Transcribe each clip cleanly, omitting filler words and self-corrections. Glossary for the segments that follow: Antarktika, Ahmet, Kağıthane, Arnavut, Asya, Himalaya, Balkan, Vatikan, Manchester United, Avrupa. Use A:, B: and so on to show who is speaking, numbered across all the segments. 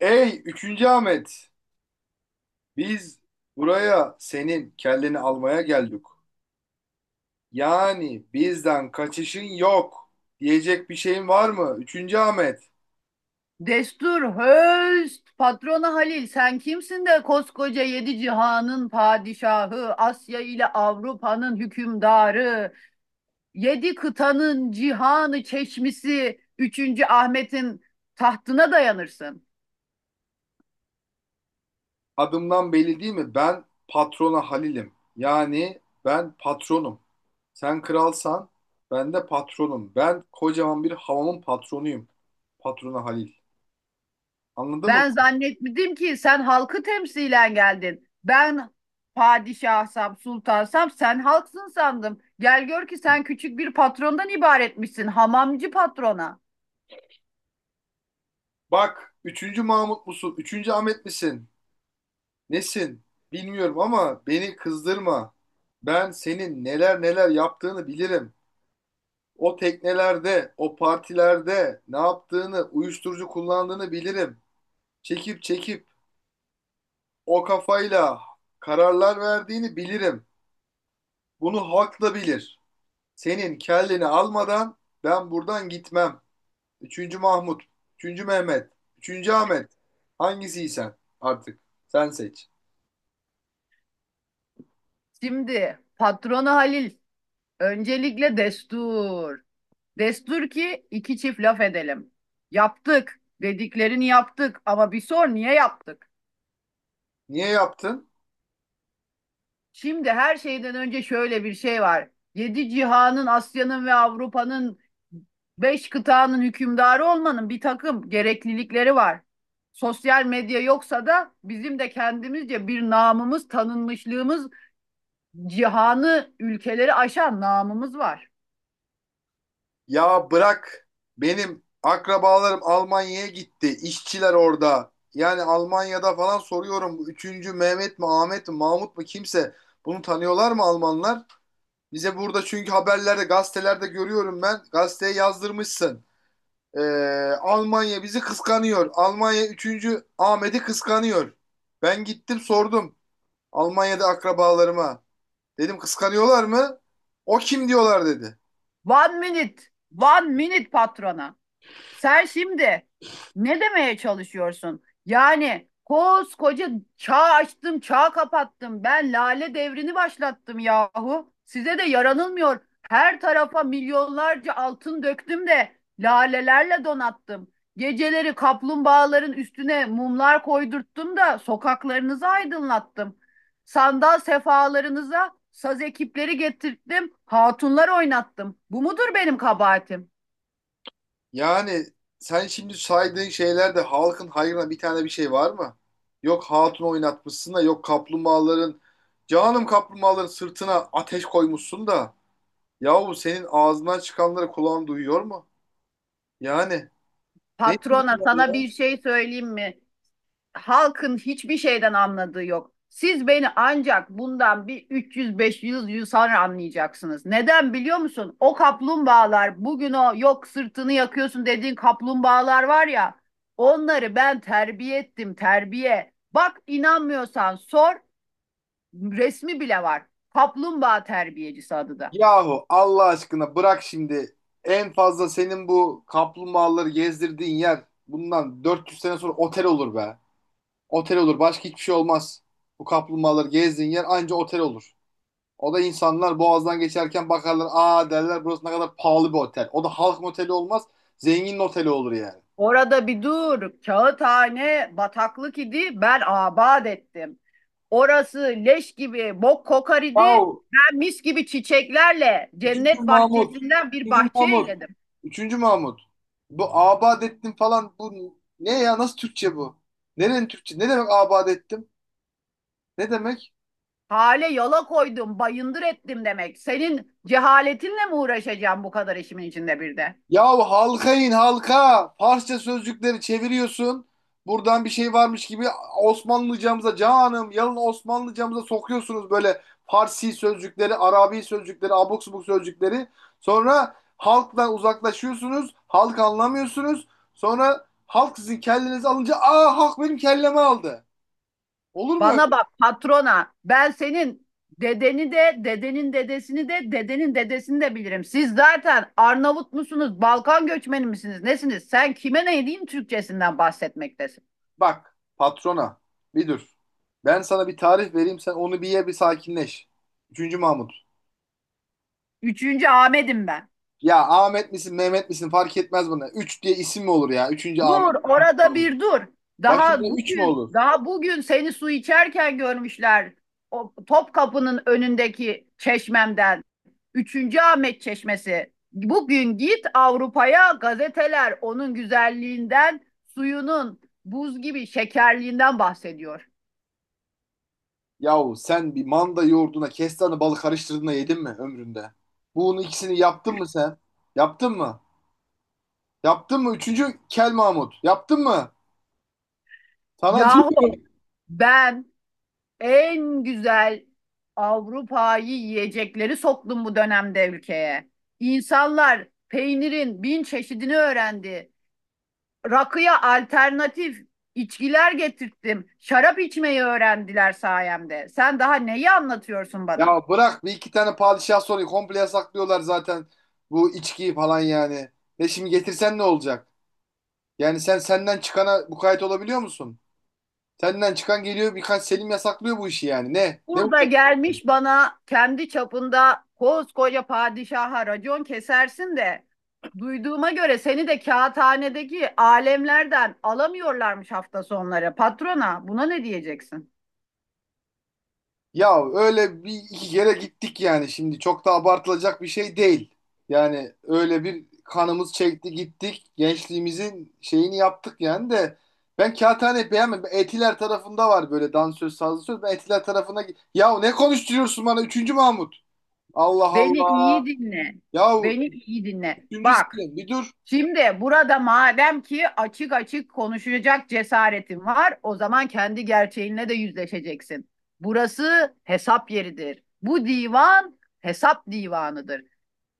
A: Ey üçüncü Ahmet, biz buraya senin kelleni almaya geldik. Yani bizden kaçışın yok. Diyecek bir şeyin var mı? Üçüncü Ahmet,
B: Destur höst, patrona Halil, sen kimsin de koskoca yedi cihanın padişahı, Asya ile Avrupa'nın hükümdarı, yedi kıtanın cihanı çeşmisi, üçüncü Ahmet'in tahtına dayanırsın.
A: adımdan belli değil mi? Ben patrona Halil'im. Yani ben patronum. Sen kralsan ben de patronum. Ben kocaman bir havamın patronuyum. Patrona Halil. Anladın mı?
B: Ben zannetmedim ki sen halkı temsilen geldin. Ben padişahsam, sultansam sen halksın sandım. Gel gör ki sen küçük bir patrondan ibaretmişsin, hamamcı patrona.
A: Bak, üçüncü Mahmut musun? Üçüncü Ahmet misin? Nesin? Bilmiyorum ama beni kızdırma. Ben senin neler yaptığını bilirim. O teknelerde, o partilerde ne yaptığını, uyuşturucu kullandığını bilirim. Çekip o kafayla kararlar verdiğini bilirim. Bunu halk da bilir. Senin kelleni almadan ben buradan gitmem. Üçüncü Mahmut, üçüncü Mehmet, üçüncü Ahmet. Hangisiysen artık sen seç.
B: Şimdi patrona Halil, öncelikle destur. Destur ki iki çift laf edelim. Yaptık. Dediklerini yaptık ama bir sor niye yaptık?
A: Niye yaptın?
B: Şimdi her şeyden önce şöyle bir şey var. Yedi cihanın, Asya'nın ve Avrupa'nın, beş kıtanın hükümdarı olmanın bir takım gereklilikleri var. Sosyal medya yoksa da bizim de kendimizce bir namımız, tanınmışlığımız, cihanı, ülkeleri aşan namımız var.
A: Ya bırak, benim akrabalarım Almanya'ya gitti. İşçiler orada. Yani Almanya'da falan soruyorum. Bu üçüncü Mehmet mi, Ahmet mi, Mahmut mu kimse. Bunu tanıyorlar mı Almanlar? Bize burada çünkü haberlerde gazetelerde görüyorum ben. Gazeteye yazdırmışsın. Ee, Almanya bizi kıskanıyor. Almanya üçüncü Ahmet'i kıskanıyor. Ben gittim sordum. Almanya'da akrabalarıma. Dedim kıskanıyorlar mı? O kim diyorlar dedi.
B: One minute, one minute patrona. Sen şimdi ne demeye çalışıyorsun? Yani koskoca çağ açtım, çağ kapattım. Ben lale devrini başlattım yahu. Size de yaranılmıyor. Her tarafa milyonlarca altın döktüm de lalelerle donattım. Geceleri kaplumbağaların üstüne mumlar koydurttum da sokaklarınızı aydınlattım. Sandal sefalarınıza saz ekipleri getirttim, hatunlar oynattım. Bu mudur benim kabahatim?
A: Yani sen şimdi saydığın şeylerde halkın hayrına bir tane bir şey var mı? Yok hatun oynatmışsın da yok kaplumbağaların, canım kaplumbağaların sırtına ateş koymuşsun da yahu senin ağzından çıkanları kulağın duyuyor mu? Yani ne
B: Patrona
A: bunlar
B: sana
A: ya?
B: bir şey söyleyeyim mi? Halkın hiçbir şeyden anladığı yok. Siz beni ancak bundan bir 300-500 yıl sonra anlayacaksınız. Neden biliyor musun? O kaplumbağalar bugün o yok sırtını yakıyorsun dediğin kaplumbağalar var ya onları ben terbiye ettim terbiye. Bak, inanmıyorsan sor, resmi bile var. Kaplumbağa terbiyecisi adı da.
A: Yahu Allah aşkına bırak şimdi, en fazla senin bu kaplumbağaları gezdirdiğin yer bundan 400 sene sonra otel olur be. Otel olur, başka hiçbir şey olmaz. Bu kaplumbağaları gezdiğin yer anca otel olur. O da insanlar boğazdan geçerken bakarlar, aa derler burası ne kadar pahalı bir otel. O da halk moteli olmaz, zengin oteli olur yani.
B: Orada bir dur. Kağıthane bataklık idi. Ben abad ettim. Orası leş gibi bok kokar idi.
A: Yahu
B: Ben mis gibi çiçeklerle
A: üçüncü
B: cennet
A: Mahmut.
B: bahçesinden bir
A: Üçüncü
B: bahçe
A: Mahmut.
B: eyledim.
A: Üçüncü Mahmut. Bu abad ettim falan bu ne ya, nasıl Türkçe bu? Nerenin Türkçe? Ne demek abad ettim? Ne demek?
B: Hale yola koydum, bayındır ettim demek. Senin cehaletinle mi uğraşacağım bu kadar işimin içinde bir de?
A: Yahu halka in halka. Farsça sözcükleri çeviriyorsun. Buradan bir şey varmış gibi Osmanlıcamıza, canım yalın Osmanlıcamıza sokuyorsunuz böyle Farsi sözcükleri, Arabi sözcükleri, abuk subuk sözcükleri. Sonra halktan uzaklaşıyorsunuz. Halk anlamıyorsunuz. Sonra halk sizin kellenizi alınca aa halk benim kellemi aldı. Olur mu
B: Bana
A: öyle?
B: bak patrona. Ben senin dedeni de, dedenin dedesini de, dedenin dedesini de bilirim. Siz zaten Arnavut musunuz, Balkan göçmeni misiniz, nesiniz? Sen kime ne diyeyim Türkçesinden bahsetmektesin.
A: Bak patrona, bir dur. Ben sana bir tarif vereyim, sen onu bir ye bir sakinleş. Üçüncü Mahmut.
B: Üçüncü Ahmet'im ben.
A: Ya Ahmet misin Mehmet misin fark etmez bana. Üç diye isim mi olur ya? Üçüncü
B: Dur,
A: Ahmet, üçüncü
B: orada
A: Mahmut.
B: bir dur.
A: Başında
B: Daha
A: üç mü
B: bugün,
A: olur?
B: daha bugün seni su içerken görmüşler. O Topkapı'nın önündeki çeşmemden. Üçüncü Ahmet Çeşmesi. Bugün git Avrupa'ya, gazeteler onun güzelliğinden, suyunun buz gibi şekerliğinden bahsediyor.
A: Yahu sen bir manda yoğurduna kestane balı karıştırdığında yedin mi ömründe? Bunun ikisini yaptın mı sen? Yaptın mı? Yaptın mı? Üçüncü Kel Mahmut. Yaptın mı? Sana
B: Yahu ben en güzel Avrupa'yı yiyecekleri soktum bu dönemde ülkeye. İnsanlar peynirin bin çeşidini öğrendi. Rakıya alternatif içkiler getirttim. Şarap içmeyi öğrendiler sayemde. Sen daha neyi anlatıyorsun bana?
A: Ya bırak, bir iki tane padişah soruyu komple yasaklıyorlar zaten. Bu içkiyi falan yani. Ve şimdi getirsen ne olacak? Yani sen senden çıkana mukayyet olabiliyor musun? Senden çıkan geliyor birkaç Selim yasaklıyor bu işi yani. Ne? Ne bu?
B: Burada gelmiş bana kendi çapında koskoca padişaha racon kesersin de duyduğuma göre seni de kağıthanedeki alemlerden alamıyorlarmış hafta sonları. Patrona buna ne diyeceksin?
A: Ya öyle bir iki kere gittik yani şimdi. Çok da abartılacak bir şey değil. Yani öyle bir kanımız çekti gittik. Gençliğimizin şeyini yaptık yani de. Ben Kağıthane'yi beğenmedim. Etiler tarafında var böyle dansöz, sazlı söz. Ben Etiler tarafına... Ya ne konuşturuyorsun bana? Üçüncü Mahmut. Allah
B: Beni
A: Allah.
B: iyi dinle.
A: Ya
B: Beni iyi dinle.
A: üçüncü
B: Bak
A: Selim. Bir dur.
B: Şimdi burada madem ki açık açık konuşacak cesaretin var, o zaman kendi gerçeğinle de yüzleşeceksin. Burası hesap yeridir. Bu divan hesap divanıdır.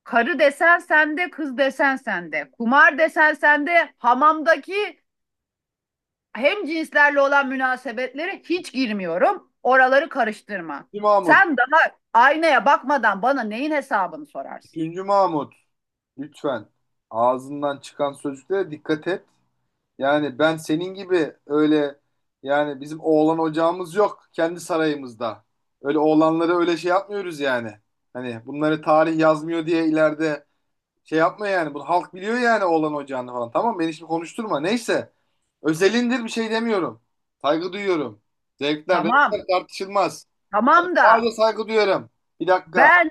B: Karı desen sende, kız desen sende. Kumar desen sende, hamamdaki hem cinslerle olan münasebetlere hiç girmiyorum. Oraları karıştırma.
A: Üçüncü Mahmut.
B: Sen daha aynaya bakmadan bana neyin hesabını sorarsın?
A: Üçüncü Mahmut. Lütfen. Ağzından çıkan sözlere dikkat et. Yani ben senin gibi öyle, yani bizim oğlan ocağımız yok kendi sarayımızda. Öyle oğlanları öyle şey yapmıyoruz yani. Hani bunları tarih yazmıyor diye ileride şey yapma yani. Bunu halk biliyor yani oğlan ocağını falan. Tamam beni şimdi konuşturma. Neyse. Özelindir bir şey demiyorum. Saygı duyuyorum. Zevkler, renkler
B: Tamam,
A: tartışılmaz.
B: tamam da
A: Sadece saygı duyuyorum. Bir dakika.
B: Ben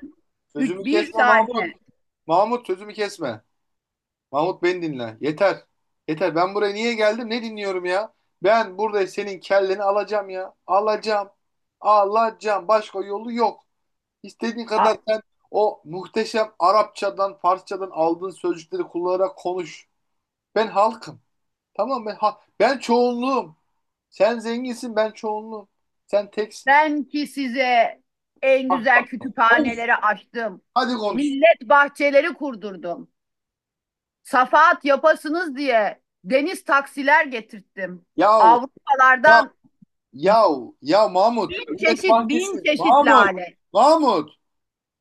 A: Sözümü
B: bir
A: kesme Mahmut.
B: saniye.
A: Mahmut sözümü kesme. Mahmut beni dinle. Yeter. Yeter. Ben buraya niye geldim? Ne dinliyorum ya? Ben burada senin kelleni alacağım ya. Alacağım. Alacağım. Başka yolu yok. İstediğin kadar
B: A-
A: sen o muhteşem Arapçadan, Farsçadan aldığın sözcükleri kullanarak konuş. Ben halkım. Tamam mı? Ben çoğunluğum. Sen zenginsin, ben çoğunluğum. Sen teksin.
B: Ben ki size en
A: Bak
B: güzel
A: bak. Konuş.
B: kütüphaneleri açtım.
A: Hadi konuş.
B: Millet bahçeleri kurdurdum. Safahat yapasınız diye deniz taksiler getirttim.
A: Yahu, ya,
B: Avrupalardan
A: yahu, ya Mahmut.
B: bin
A: Millet
B: çeşit
A: Bahçesi.
B: bin çeşit
A: Mahmut.
B: lale.
A: Mahmut.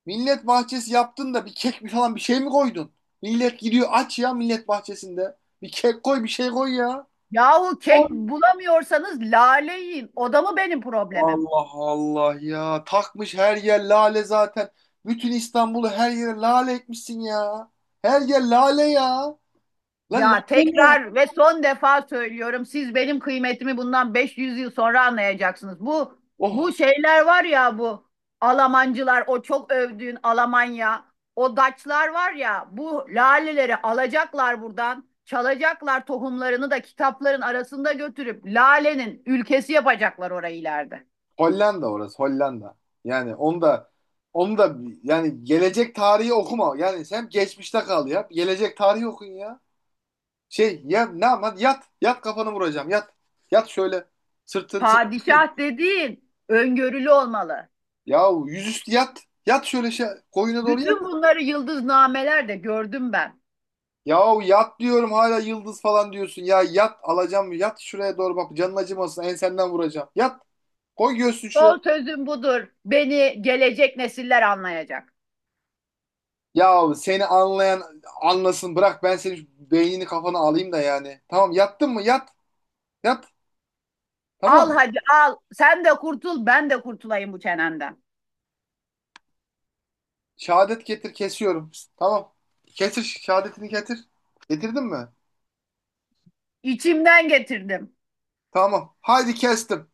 A: Millet bahçesi yaptın da bir kek bir falan bir şey mi koydun? Millet gidiyor aç ya millet bahçesinde. Bir kek koy bir şey koy ya.
B: Yahu kek bulamıyorsanız lale yiyin. O da mı benim problemim?
A: Allah Allah ya. Takmış her yer lale zaten. Bütün İstanbul'u her yere lale etmişsin ya. Her yer lale ya. Lan lale
B: Ya
A: ne?
B: tekrar ve son defa söylüyorum. Siz benim kıymetimi bundan 500 yıl sonra anlayacaksınız. Bu
A: Oh
B: bu şeyler var ya, bu Almancılar, o çok övdüğün Almanya, o Daçlar var ya bu laleleri alacaklar buradan, çalacaklar tohumlarını da kitapların arasında götürüp lalenin ülkesi yapacaklar orayı ileride.
A: Hollanda, orası Hollanda. Yani onu da, onu da, yani gelecek tarihi okuma. Yani sen geçmişte kal ya. Gelecek tarihi okun ya. Şey ya ne ama yat. Yat kafanı vuracağım. Yat. Yat şöyle. Sırtın değil.
B: Padişah dediğin öngörülü olmalı.
A: Yahu yüzüstü yat. Yat şöyle şey koyuna doğru
B: Bütün
A: yat.
B: bunları yıldıznamelerde gördüm ben.
A: Yahu yat diyorum hala yıldız falan diyorsun. Ya yat alacağım yat şuraya doğru bak canın acımasın ensenden vuracağım. Yat koy göğsünü şuraya.
B: Son sözüm budur. Beni gelecek nesiller anlayacak.
A: Yahu seni anlayan anlasın bırak ben senin şu beynini kafana alayım da yani. Tamam yattın mı yat, yat,
B: Al
A: tamam.
B: hadi al. Sen de kurtul, ben de kurtulayım bu çenenden.
A: Şehadet getir kesiyorum. Tamam. Getir şehadetini getir. Getirdin mi?
B: İçimden getirdim.
A: Tamam. Haydi kestim.